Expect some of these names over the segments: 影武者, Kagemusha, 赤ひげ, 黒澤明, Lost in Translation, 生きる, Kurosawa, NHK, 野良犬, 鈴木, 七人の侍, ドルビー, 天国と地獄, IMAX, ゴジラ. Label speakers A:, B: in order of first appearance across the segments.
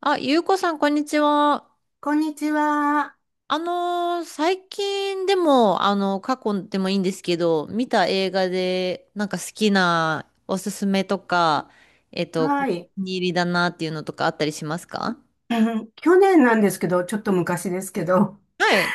A: あ、ゆうこさん、こんにちは。
B: こんにちは。
A: 最近でも、過去でもいいんですけど、見た映画で、なんか好きなおすすめとか、お気
B: はい。
A: に 入りだなっていうのとかあったりしますか？
B: え去年なんですけど、ちょっと昔ですけど、
A: はい。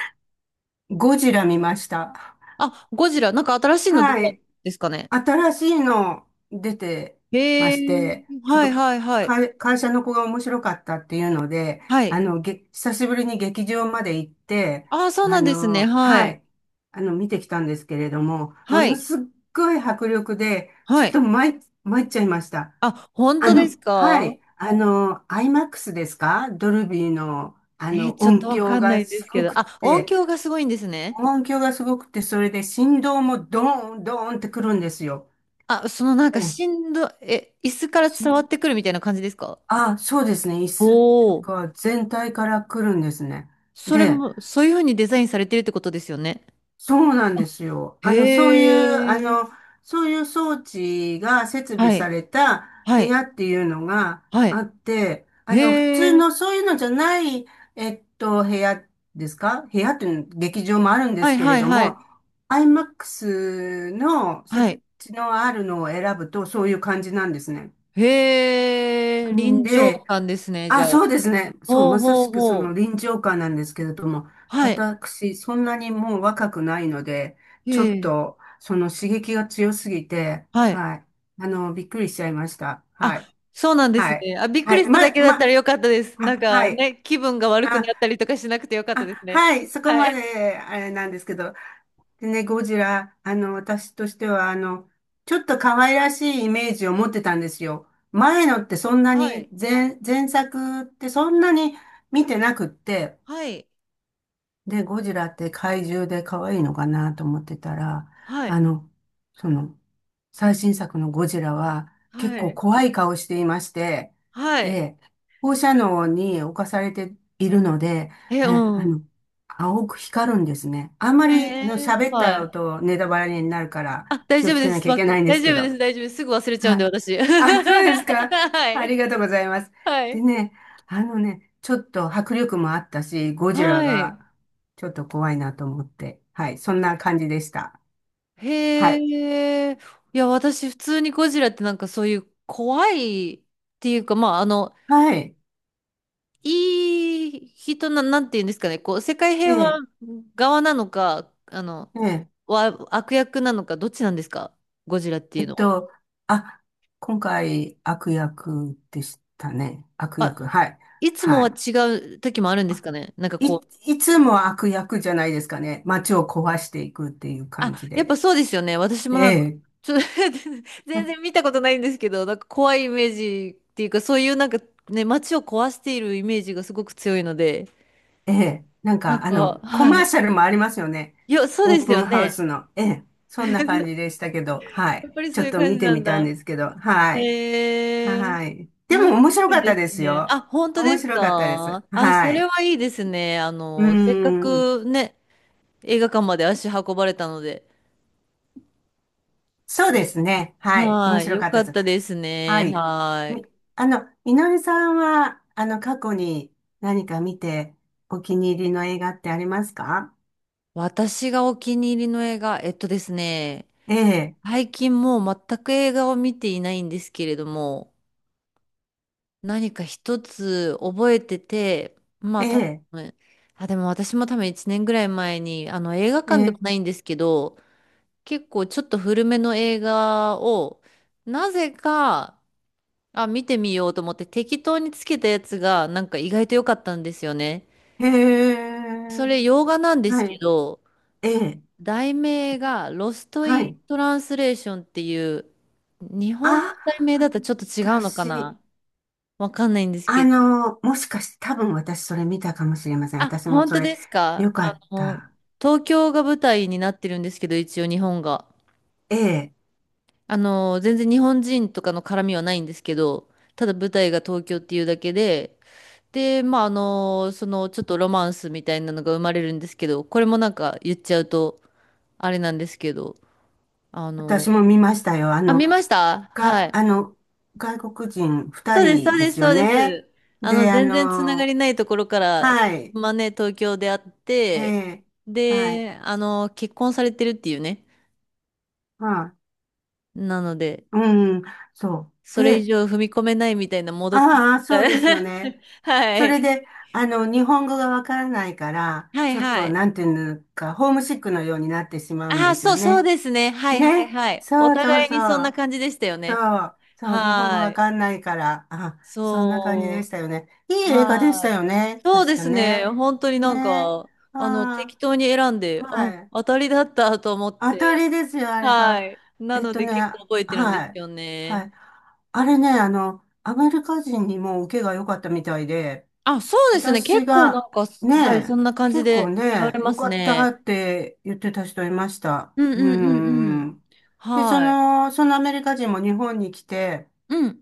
B: ゴジラ見ました。
A: あ、ゴジラ、なんか新しいの出
B: は
A: たん
B: い。
A: ですかね。
B: 新しいの出てま
A: へ
B: し
A: え、
B: て、ちょっ
A: はい
B: と
A: はいはい。
B: 会社の子が面白かったっていうので、
A: はい。
B: 久しぶりに劇場まで行って、
A: あ、そうなんですね。は
B: は
A: い。
B: い。見てきたんですけれども、も
A: は
B: の
A: い。
B: すっごい迫力で、ち
A: は
B: ょっ
A: い。
B: と参っちゃいました。
A: あ、本当です
B: は
A: か？
B: い。IMAX ですか？ドルビーの、
A: ちょっと
B: 音
A: わか
B: 響
A: んな
B: が
A: いで
B: す
A: すけ
B: ごく
A: ど。
B: っ
A: あ、音
B: て、
A: 響がすごいんですね。
B: 音響がすごくて、それで振動もドーン、ドーンってくるんですよ。
A: あ、そのなん
B: え
A: か
B: え。
A: しんど、え、椅子から伝わって
B: し
A: くるみたいな感じですか？
B: あ、そうですね。椅
A: お
B: 子と
A: お。
B: か全体から来るんですね。
A: それ
B: で、
A: も、そういうふうにデザインされてるってことですよね。
B: そうなんですよ。
A: へ
B: あの、そういう、あ
A: え。
B: の、そういう装置が設備
A: は
B: さ
A: い。
B: れた
A: は
B: 部
A: い。
B: 屋っていうのが
A: は
B: あ
A: い。
B: って、普
A: へ
B: 通の
A: え。
B: そういうのじゃない、部屋ですか？部屋っていうの劇場もあるんで
A: は
B: す
A: い
B: け
A: は
B: れ
A: い
B: ど
A: は
B: も、
A: い。
B: IMAX の
A: は
B: 設
A: い。
B: 置のあるのを選ぶとそういう感じなんですね。
A: へえ。
B: ん
A: 臨場
B: で、
A: 感ですね、じゃ
B: あ、
A: あ。
B: そうですね。そう、
A: ほう
B: まさ
A: ほ
B: し
A: う
B: くそ
A: ほ
B: の
A: う。
B: 臨場感なんですけれども、
A: はい。
B: 私、そんなにもう若くないので、
A: へ
B: ちょっ
A: え。
B: と、その刺激が強すぎて、
A: はい。
B: はい。びっくりしちゃいました。は
A: あ、
B: い。
A: そうなんです
B: はい。
A: ね。あ、びっく
B: は
A: り
B: い。
A: しただ
B: ま、
A: けだったら
B: ま、
A: よかったです。なん
B: あ、は
A: か
B: い。
A: ね、気分が悪く
B: あ、
A: なったりとかしなくてよかった
B: あ、
A: ですね。
B: はい。そこ
A: は
B: ま
A: い。
B: で、あれなんですけど、でね、ゴジラ、私としては、ちょっと可愛らしいイメージを持ってたんですよ。
A: はい。
B: 前作ってそんなに見てなくって、
A: はい。
B: で、ゴジラって怪獣で可愛いのかなと思ってたら、
A: はい。
B: あの、その、最新作のゴジラは結
A: は
B: 構
A: い。
B: 怖い顔していまして、
A: はい。
B: で、放射能に侵されているので、
A: え、う
B: え、あ
A: ん、
B: の、青く光るんですね。あんまり、
A: え。
B: 喋った
A: はい。
B: らとネタバレになるから
A: あ、大
B: 気を
A: 丈夫
B: つけ
A: で
B: なき
A: す。
B: ゃいけないんで
A: 大
B: すけ
A: 丈夫
B: ど。
A: です。大丈夫です。すぐ忘れちゃうん
B: は
A: で、
B: い。
A: 私。
B: あ、そうですか。
A: は
B: あ
A: い。
B: りがとうございます。
A: は
B: で
A: い。
B: ね、ちょっと迫力もあったし、ゴジラ
A: はい。
B: がちょっと怖いなと思って。はい。そんな感じでした。は
A: へ
B: い。
A: え。いや、私、普通にゴジラってなんかそういう怖いっていうか、まあ、
B: はい。
A: いい人な、なんていうんですかね、こう、世界
B: え
A: 平和
B: え。
A: 側なのか、
B: ええ
A: 悪役なのか、どっちなんですか、ゴジラってい
B: え
A: う
B: っ
A: のは。
B: と、あ、今回悪役でしたね。悪役、
A: あ、
B: はい。
A: いつもは
B: は
A: 違う時もあるんですかね。なんか
B: い。
A: こう、
B: いつも悪役じゃないですかね。街を壊していくっていう
A: あ、
B: 感じ
A: やっ
B: で。
A: ぱそうですよね。私も
B: え
A: なんか、
B: え、
A: ちょ、
B: う
A: 全
B: ん、
A: 然見たことないんですけど、なんか怖いイメージっていうか、そういうなんかね、街を壊しているイメージがすごく強いので、
B: ええ、なん
A: なん
B: か
A: か、
B: コ
A: は
B: マー
A: い。
B: シャルもありますよね。
A: いや、そう
B: オー
A: です
B: プ
A: よ
B: ンハウ
A: ね。
B: スの。ええ、そんな感じでしたけど、は
A: や
B: い。
A: っぱりそ
B: ちょ
A: うい
B: っ
A: う
B: と
A: 感
B: 見
A: じ
B: て
A: なん
B: みたん
A: だ。
B: ですけど、はい。
A: へえ、
B: はい。で
A: 面
B: も面
A: 白
B: 白か
A: い
B: った
A: です
B: です
A: ね。
B: よ。
A: あ、本当
B: 面
A: です
B: 白かったです。
A: か？あ、そ
B: は
A: れ
B: い。
A: はいいですね。
B: うー
A: せっか
B: ん。
A: くね、映画館まで足運ばれたので。
B: そうですね。はい。面
A: はい。
B: 白
A: よ
B: かった
A: か
B: で
A: っ
B: す。
A: たです
B: は
A: ね。
B: い。
A: はい。
B: み、あの、井上さんは、過去に何か見てお気に入りの映画ってありますか？
A: 私がお気に入りの映画、えっとですね、
B: ええ、
A: 最近もう全く映画を見ていないんですけれども、何か一つ覚えてて、ま
B: え
A: あ多
B: え、
A: 分、あ、でも私も多分1年ぐらい前に、あの映画
B: え
A: 館では
B: え、
A: ないんですけど、結構ちょっと古めの映画を、なぜか、あ、見てみようと思って適当につけたやつが、なんか意外と良かったんですよね。
B: え
A: そ
B: え、
A: れ洋画なんです
B: は
A: け
B: い、
A: ど、
B: ええ、
A: 題名がロスト・
B: は
A: イン・
B: い。
A: トランスレーションっていう、日
B: あ、
A: 本語の題名だとちょっと違うのか
B: 私、
A: な。わかんないんです
B: あ
A: けど。
B: の、もしかして多分私それ見たかもしれません。
A: あ、
B: 私も
A: 本
B: そ
A: 当
B: れ、
A: ですか？
B: よかった。
A: 東京が舞台になってるんですけど、一応日本が。
B: ええ、
A: あの、全然日本人とかの絡みはないんですけど、ただ舞台が東京っていうだけで、で、まあ、ちょっとロマンスみたいなのが生まれるんですけど、これもなんか言っちゃうと、あれなんですけど、あの、
B: 私も見ましたよ。あ
A: あ、
B: の、
A: 見ました。は
B: が、
A: い。
B: あの、外国人二
A: そうです、そ
B: 人
A: う
B: で
A: です、
B: すよ
A: そうで
B: ね。
A: す。
B: で、
A: 全然つながりないところから、
B: はい、
A: まあね、東京で会っ
B: え
A: て、
B: え、はい、
A: で、結婚されてるっていうね。
B: はい、
A: なので、
B: うん、そう。
A: それ以
B: で、
A: 上踏み込めないみたいなもどかし
B: ああ、
A: さ、
B: そうですよね。
A: は
B: それ
A: い。
B: で、日本語がわからないから、
A: はい
B: ちょっ
A: は
B: と、
A: い。
B: なんていうのか、ホームシックのようになってしまうん
A: あ
B: で
A: あ、
B: す
A: そ
B: よ
A: う、そう
B: ね。
A: ですね。はいはい
B: ね。
A: はい。お
B: そうそう
A: 互い
B: そ
A: にそんな
B: う。
A: 感じでしたよね。
B: そう。そう。日本語
A: は
B: わ
A: い。
B: かんないから。あ、そんな感じでし
A: そ
B: たよね。い
A: う。
B: い映画でした
A: は
B: よ
A: い。
B: ね。
A: そう
B: 確
A: で
B: か
A: すね。
B: ね。
A: 本当になん
B: ね。
A: か、
B: あ
A: 適当に選ん
B: あ、
A: で、
B: は
A: あ、
B: い。
A: 当たりだったと思っ
B: 当た
A: て。
B: りですよ、あれ
A: は
B: ば。
A: い。な
B: えっ
A: の
B: と
A: で
B: ね、
A: 結構覚えてるん
B: は
A: です
B: い。
A: よ
B: は
A: ね。
B: い。あれね、アメリカ人にも受けが良かったみたいで、
A: あ、そうですね。
B: 私
A: 結構な
B: が、
A: んか、はい、そ
B: ね、
A: んな感じ
B: 結構
A: で言われ
B: ね、
A: ま
B: 良
A: す
B: かったっ
A: ね。
B: て言ってた人いました。
A: うん
B: う
A: うんうんうん。
B: ん。で、
A: はい。
B: そのアメリカ人も日本に来て、
A: うん。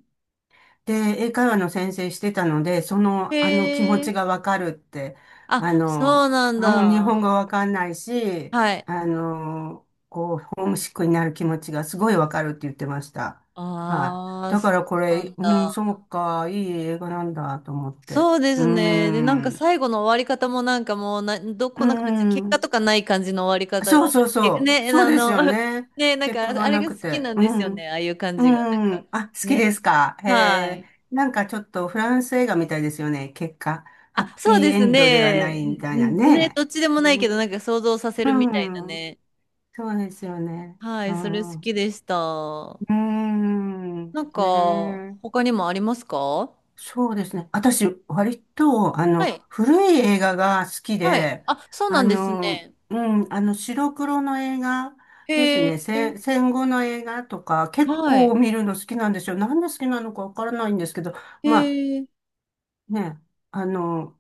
B: で、英会話の先生してたので、その、
A: へ
B: あの気持ち
A: え。
B: がわかるって、あ
A: あ、そ
B: の、
A: うなん
B: あ、もう日本語
A: だ。
B: わかんないし、
A: はい。
B: こう、ホームシックになる気持ちがすごいわかるって言ってました。はい。
A: ああ、
B: だか
A: そ
B: らこ
A: うな
B: れ、
A: ん
B: うん、
A: だ。
B: そうか、いい映画なんだと思って。
A: そうで
B: うー
A: すね。で、なんか
B: ん。う
A: 最後の終わり方もなんかもうど
B: ー
A: こ、なんか別に結果
B: ん。
A: とかない感じの終わり方が、
B: そうそう
A: 私、結構
B: そう。
A: ね、
B: そうですよね。
A: ね、なん
B: 結
A: か
B: 果が
A: あれ
B: な
A: が好
B: く
A: き
B: て。
A: なん
B: う
A: ですよね。
B: ん。
A: ああいう感
B: う
A: じが。なんか、
B: ん。あ、好きで
A: ね。
B: すか？へ
A: は
B: え。
A: い。
B: なんかちょっとフランス映画みたいですよね。結果。ハッ
A: あ、そう
B: ピー
A: で
B: エ
A: す
B: ンドではな
A: ね。
B: いみたいな
A: ね、
B: ね。
A: どっちでもない
B: う
A: けど、
B: ん。
A: なんか想像させるみたいな
B: うん、
A: ね。
B: そうですよね。
A: は
B: う
A: い、それ好
B: ん。
A: きでした。
B: うん。
A: なんか、
B: ねえ。
A: 他にもありますか？
B: そうですね。私、割と、
A: はい。
B: 古い映画が好き
A: はい。
B: で、
A: あ、そうな
B: あ
A: んです
B: の、
A: ね。
B: うん、白黒の映画です
A: へ
B: ね。
A: え、
B: 戦後の映画とか、結
A: は
B: 構
A: い。
B: 見るの好きなんですよ。なんで好きなのかわからないんですけど、
A: へ
B: ま
A: え、
B: あ、ね、あの、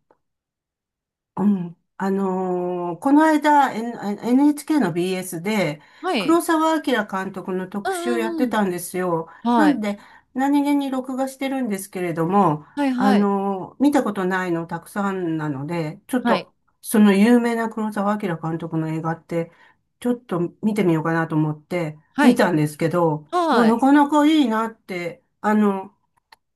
B: うん。この間、NHK の BS で、
A: はい。
B: 黒澤明監督の
A: う
B: 特集やっ
A: んう
B: て
A: んうん。
B: たんですよ。な
A: は
B: ん
A: い。
B: で、何気に録画してるんですけれども、
A: はいはい。
B: 見たことないのたくさんなので、ちょっ
A: はい。
B: と、その有名な黒澤明監督の映画って、ちょっと見てみようかなと思って、
A: は
B: 見
A: い。
B: たんですけど、もう
A: はい。
B: なかなかいいなって、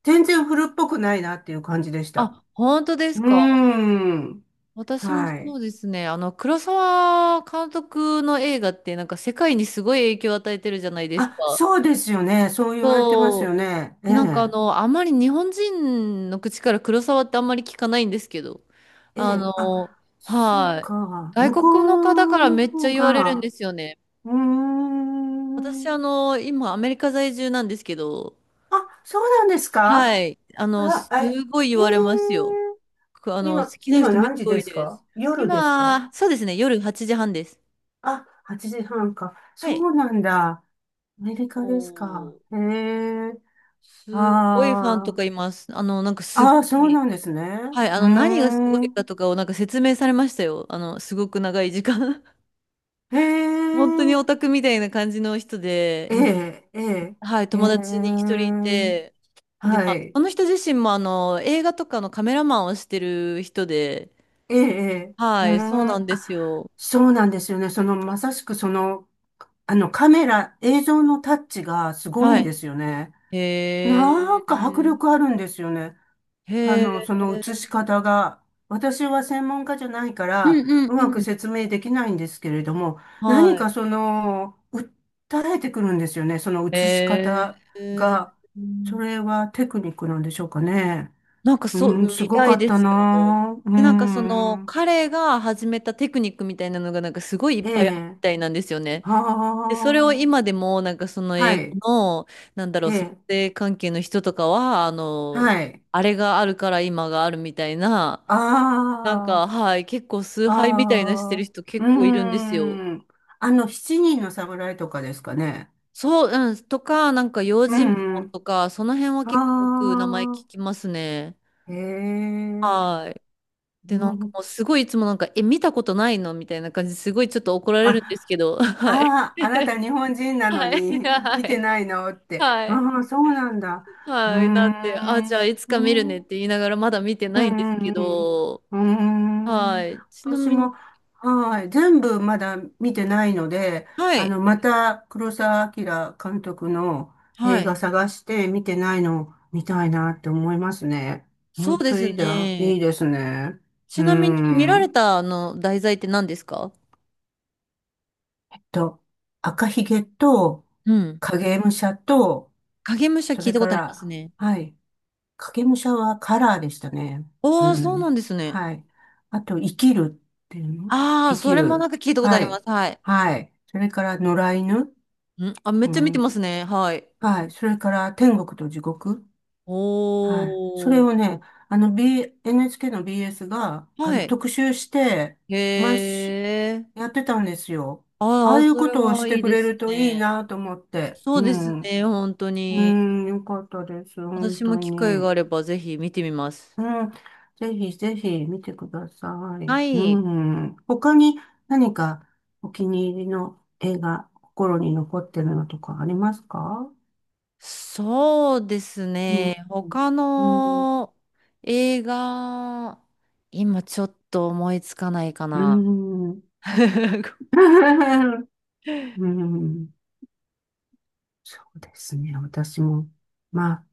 B: 全然古っぽくないなっていう感じでした。
A: あ、本当で
B: う
A: す
B: ー
A: か。
B: ん。
A: 私もそ
B: はい。
A: うですね。黒沢監督の映画ってなんか世界にすごい影響を与えてるじゃないです
B: あ、
A: か。
B: そうですよね。そう言われてますよ
A: そう。
B: ね。え
A: で、なんか
B: え。
A: あまり日本人の口から黒沢ってあんまり聞かないんですけど、
B: え
A: あ
B: え。あ、
A: の、
B: そう
A: はい。
B: か。
A: 外
B: 向こ
A: 国の方か
B: う
A: ら
B: の
A: めっちゃ
B: 方
A: 言われるんで
B: が、
A: すよね。
B: うー
A: 私
B: ん。
A: 今アメリカ在住なんですけど、
B: あ、そうなんですか？
A: はい。
B: あら、
A: す
B: え、
A: ごい言
B: へえ。
A: われますよ。くあの、
B: 今、
A: 好きな
B: 今
A: 人めっち
B: 何時
A: ゃ多
B: で
A: い
B: す
A: で
B: か？
A: す。
B: 夜ですか？
A: 今、そうですね、夜8時半です。
B: あ、8時半か。
A: は
B: そ
A: い。
B: うなんだ。アメリ
A: お
B: カですか？
A: ー、
B: へえ。
A: すごいファンと
B: あ
A: か
B: あ。
A: います。なんかす
B: あ
A: ご
B: あ、そう
A: い、
B: なんですね。
A: はい、
B: う
A: 何がすご
B: ー
A: い
B: ん。
A: かとかをなんか説明されましたよ。すごく長い時間。
B: へ
A: 本当にオ
B: え。
A: タクみたいな感じの人で、
B: え
A: うん。
B: え、ええ、
A: はい、
B: え
A: 友
B: え、
A: 達に一人いて、で、
B: は
A: まあ、
B: い、
A: この人自身も映画とかのカメラマンをしてる人で、
B: ええ、ええ、う
A: はい、そう
B: ー
A: な
B: ん、
A: んで
B: あ、
A: すよ。
B: そうなんですよね。その、まさしくその、カメラ、映像のタッチがすごい
A: は
B: んで
A: い。
B: すよね。
A: へ
B: なんか迫
A: え、
B: 力あるんですよね。
A: へ
B: その映し
A: え。
B: 方が。私は専門家じゃないか
A: う
B: ら、
A: んう
B: う
A: ん
B: まく
A: うん。
B: 説明できないんですけれども、何か
A: は
B: その、訴えてくるんですよね。その映
A: い。
B: し方
A: ー、
B: が。
A: う
B: そ
A: ん。
B: れはテクニックなんでしょうかね。
A: なんかそ
B: うん、
A: う、
B: す
A: み
B: ご
A: た
B: か
A: い
B: っ
A: で
B: た
A: すよ。
B: なぁ。う
A: で、なんかその、
B: ん。
A: 彼が始めたテクニックみたいなのが、なんかすごいい
B: え
A: っぱいあった
B: え。
A: みたいなんですよね。で、それを
B: は
A: 今でも、なんかその
B: あ。は
A: 英
B: い。
A: 語の、なんだろ
B: え
A: う、撮
B: え。
A: 影関係の人とかは、
B: はい。
A: あれがあるから今があるみたいな、
B: あ
A: なんか、はい、結構崇
B: あ。
A: 拝みたいなして
B: あ
A: る
B: あ。
A: 人
B: う
A: 結構いるんですよ。
B: ん。七人の侍とかですかね。
A: そう、うん、とか、なんか用
B: う
A: 心棒
B: ん。
A: とか、その辺は結構よく
B: あ
A: 名前聞きますね。
B: あ。へえ。
A: はい。
B: う
A: で、なんか
B: ん。
A: もうすごいいつもなんか、え、見たことないのみたいな感じですごいちょっと怒られるんです
B: あ、
A: けど、はい。
B: ああ、あなた日本人なの
A: は
B: に
A: い。は
B: 見て
A: い。
B: ないのって。
A: はい。
B: ああ、そうなんだ。うー
A: はい。なんで、あ、じゃ
B: ん。
A: あいつか見るねって言いながらまだ見て
B: う
A: ないんです
B: ん
A: け
B: うん
A: ど、
B: うん。うーん。
A: はい。ちな
B: 私
A: みに、
B: も、はい、全部まだ見てないので、
A: はい。
B: また黒澤明監督の
A: は
B: 映画
A: い。
B: 探して見てないのを見たいなって思いますね。
A: そう
B: 本
A: で
B: 当
A: す
B: にだ、
A: ね。
B: いいですね。うー
A: ちなみに見られ
B: ん。
A: たあの題材って何ですか？
B: と、赤ひげと、
A: うん。
B: 影武者と、
A: 影武者
B: そ
A: 聞い
B: れ
A: たこ
B: か
A: とあります
B: ら、
A: ね。
B: はい。影武者はカラーでしたね。う
A: おー、そうな
B: ん。
A: んですね。
B: はい。あと、生きるっていうの。
A: ああ、
B: 生
A: そ
B: き
A: れもな
B: る。
A: んか聞いたことあ
B: は
A: りま
B: い。
A: す。はい。
B: はい。それから、野良犬。
A: あ、めっ
B: う
A: ちゃ見てま
B: ん。
A: すね。はい。
B: はい。それから、天国と地獄。
A: お
B: はい。それ
A: ー。
B: をね、NHK の BS が、
A: はい。
B: 特集して、毎
A: へ
B: 週、
A: え。
B: やってたんですよ。あ
A: あ
B: あ
A: あ、
B: いう
A: そ
B: こ
A: れ
B: とをし
A: は
B: て
A: いい
B: く
A: で
B: れ
A: す
B: るといい
A: ね。
B: なと思って。
A: そう
B: う
A: です
B: ん。
A: ね、本当
B: う
A: に。
B: ん、よかったです。本
A: 私
B: 当
A: も機会が
B: に。
A: あればぜひ見てみます。
B: うん、ぜひぜひ見てください。
A: は
B: う
A: い。
B: ん。他に何かお気に入りの映画、心に残ってるのとかありますか？
A: そうです
B: うん。
A: ね。他
B: うん。
A: の映画、今ちょっと思いつかないか
B: う
A: な。
B: ん。うん。うん、そうですね。私も、まあ、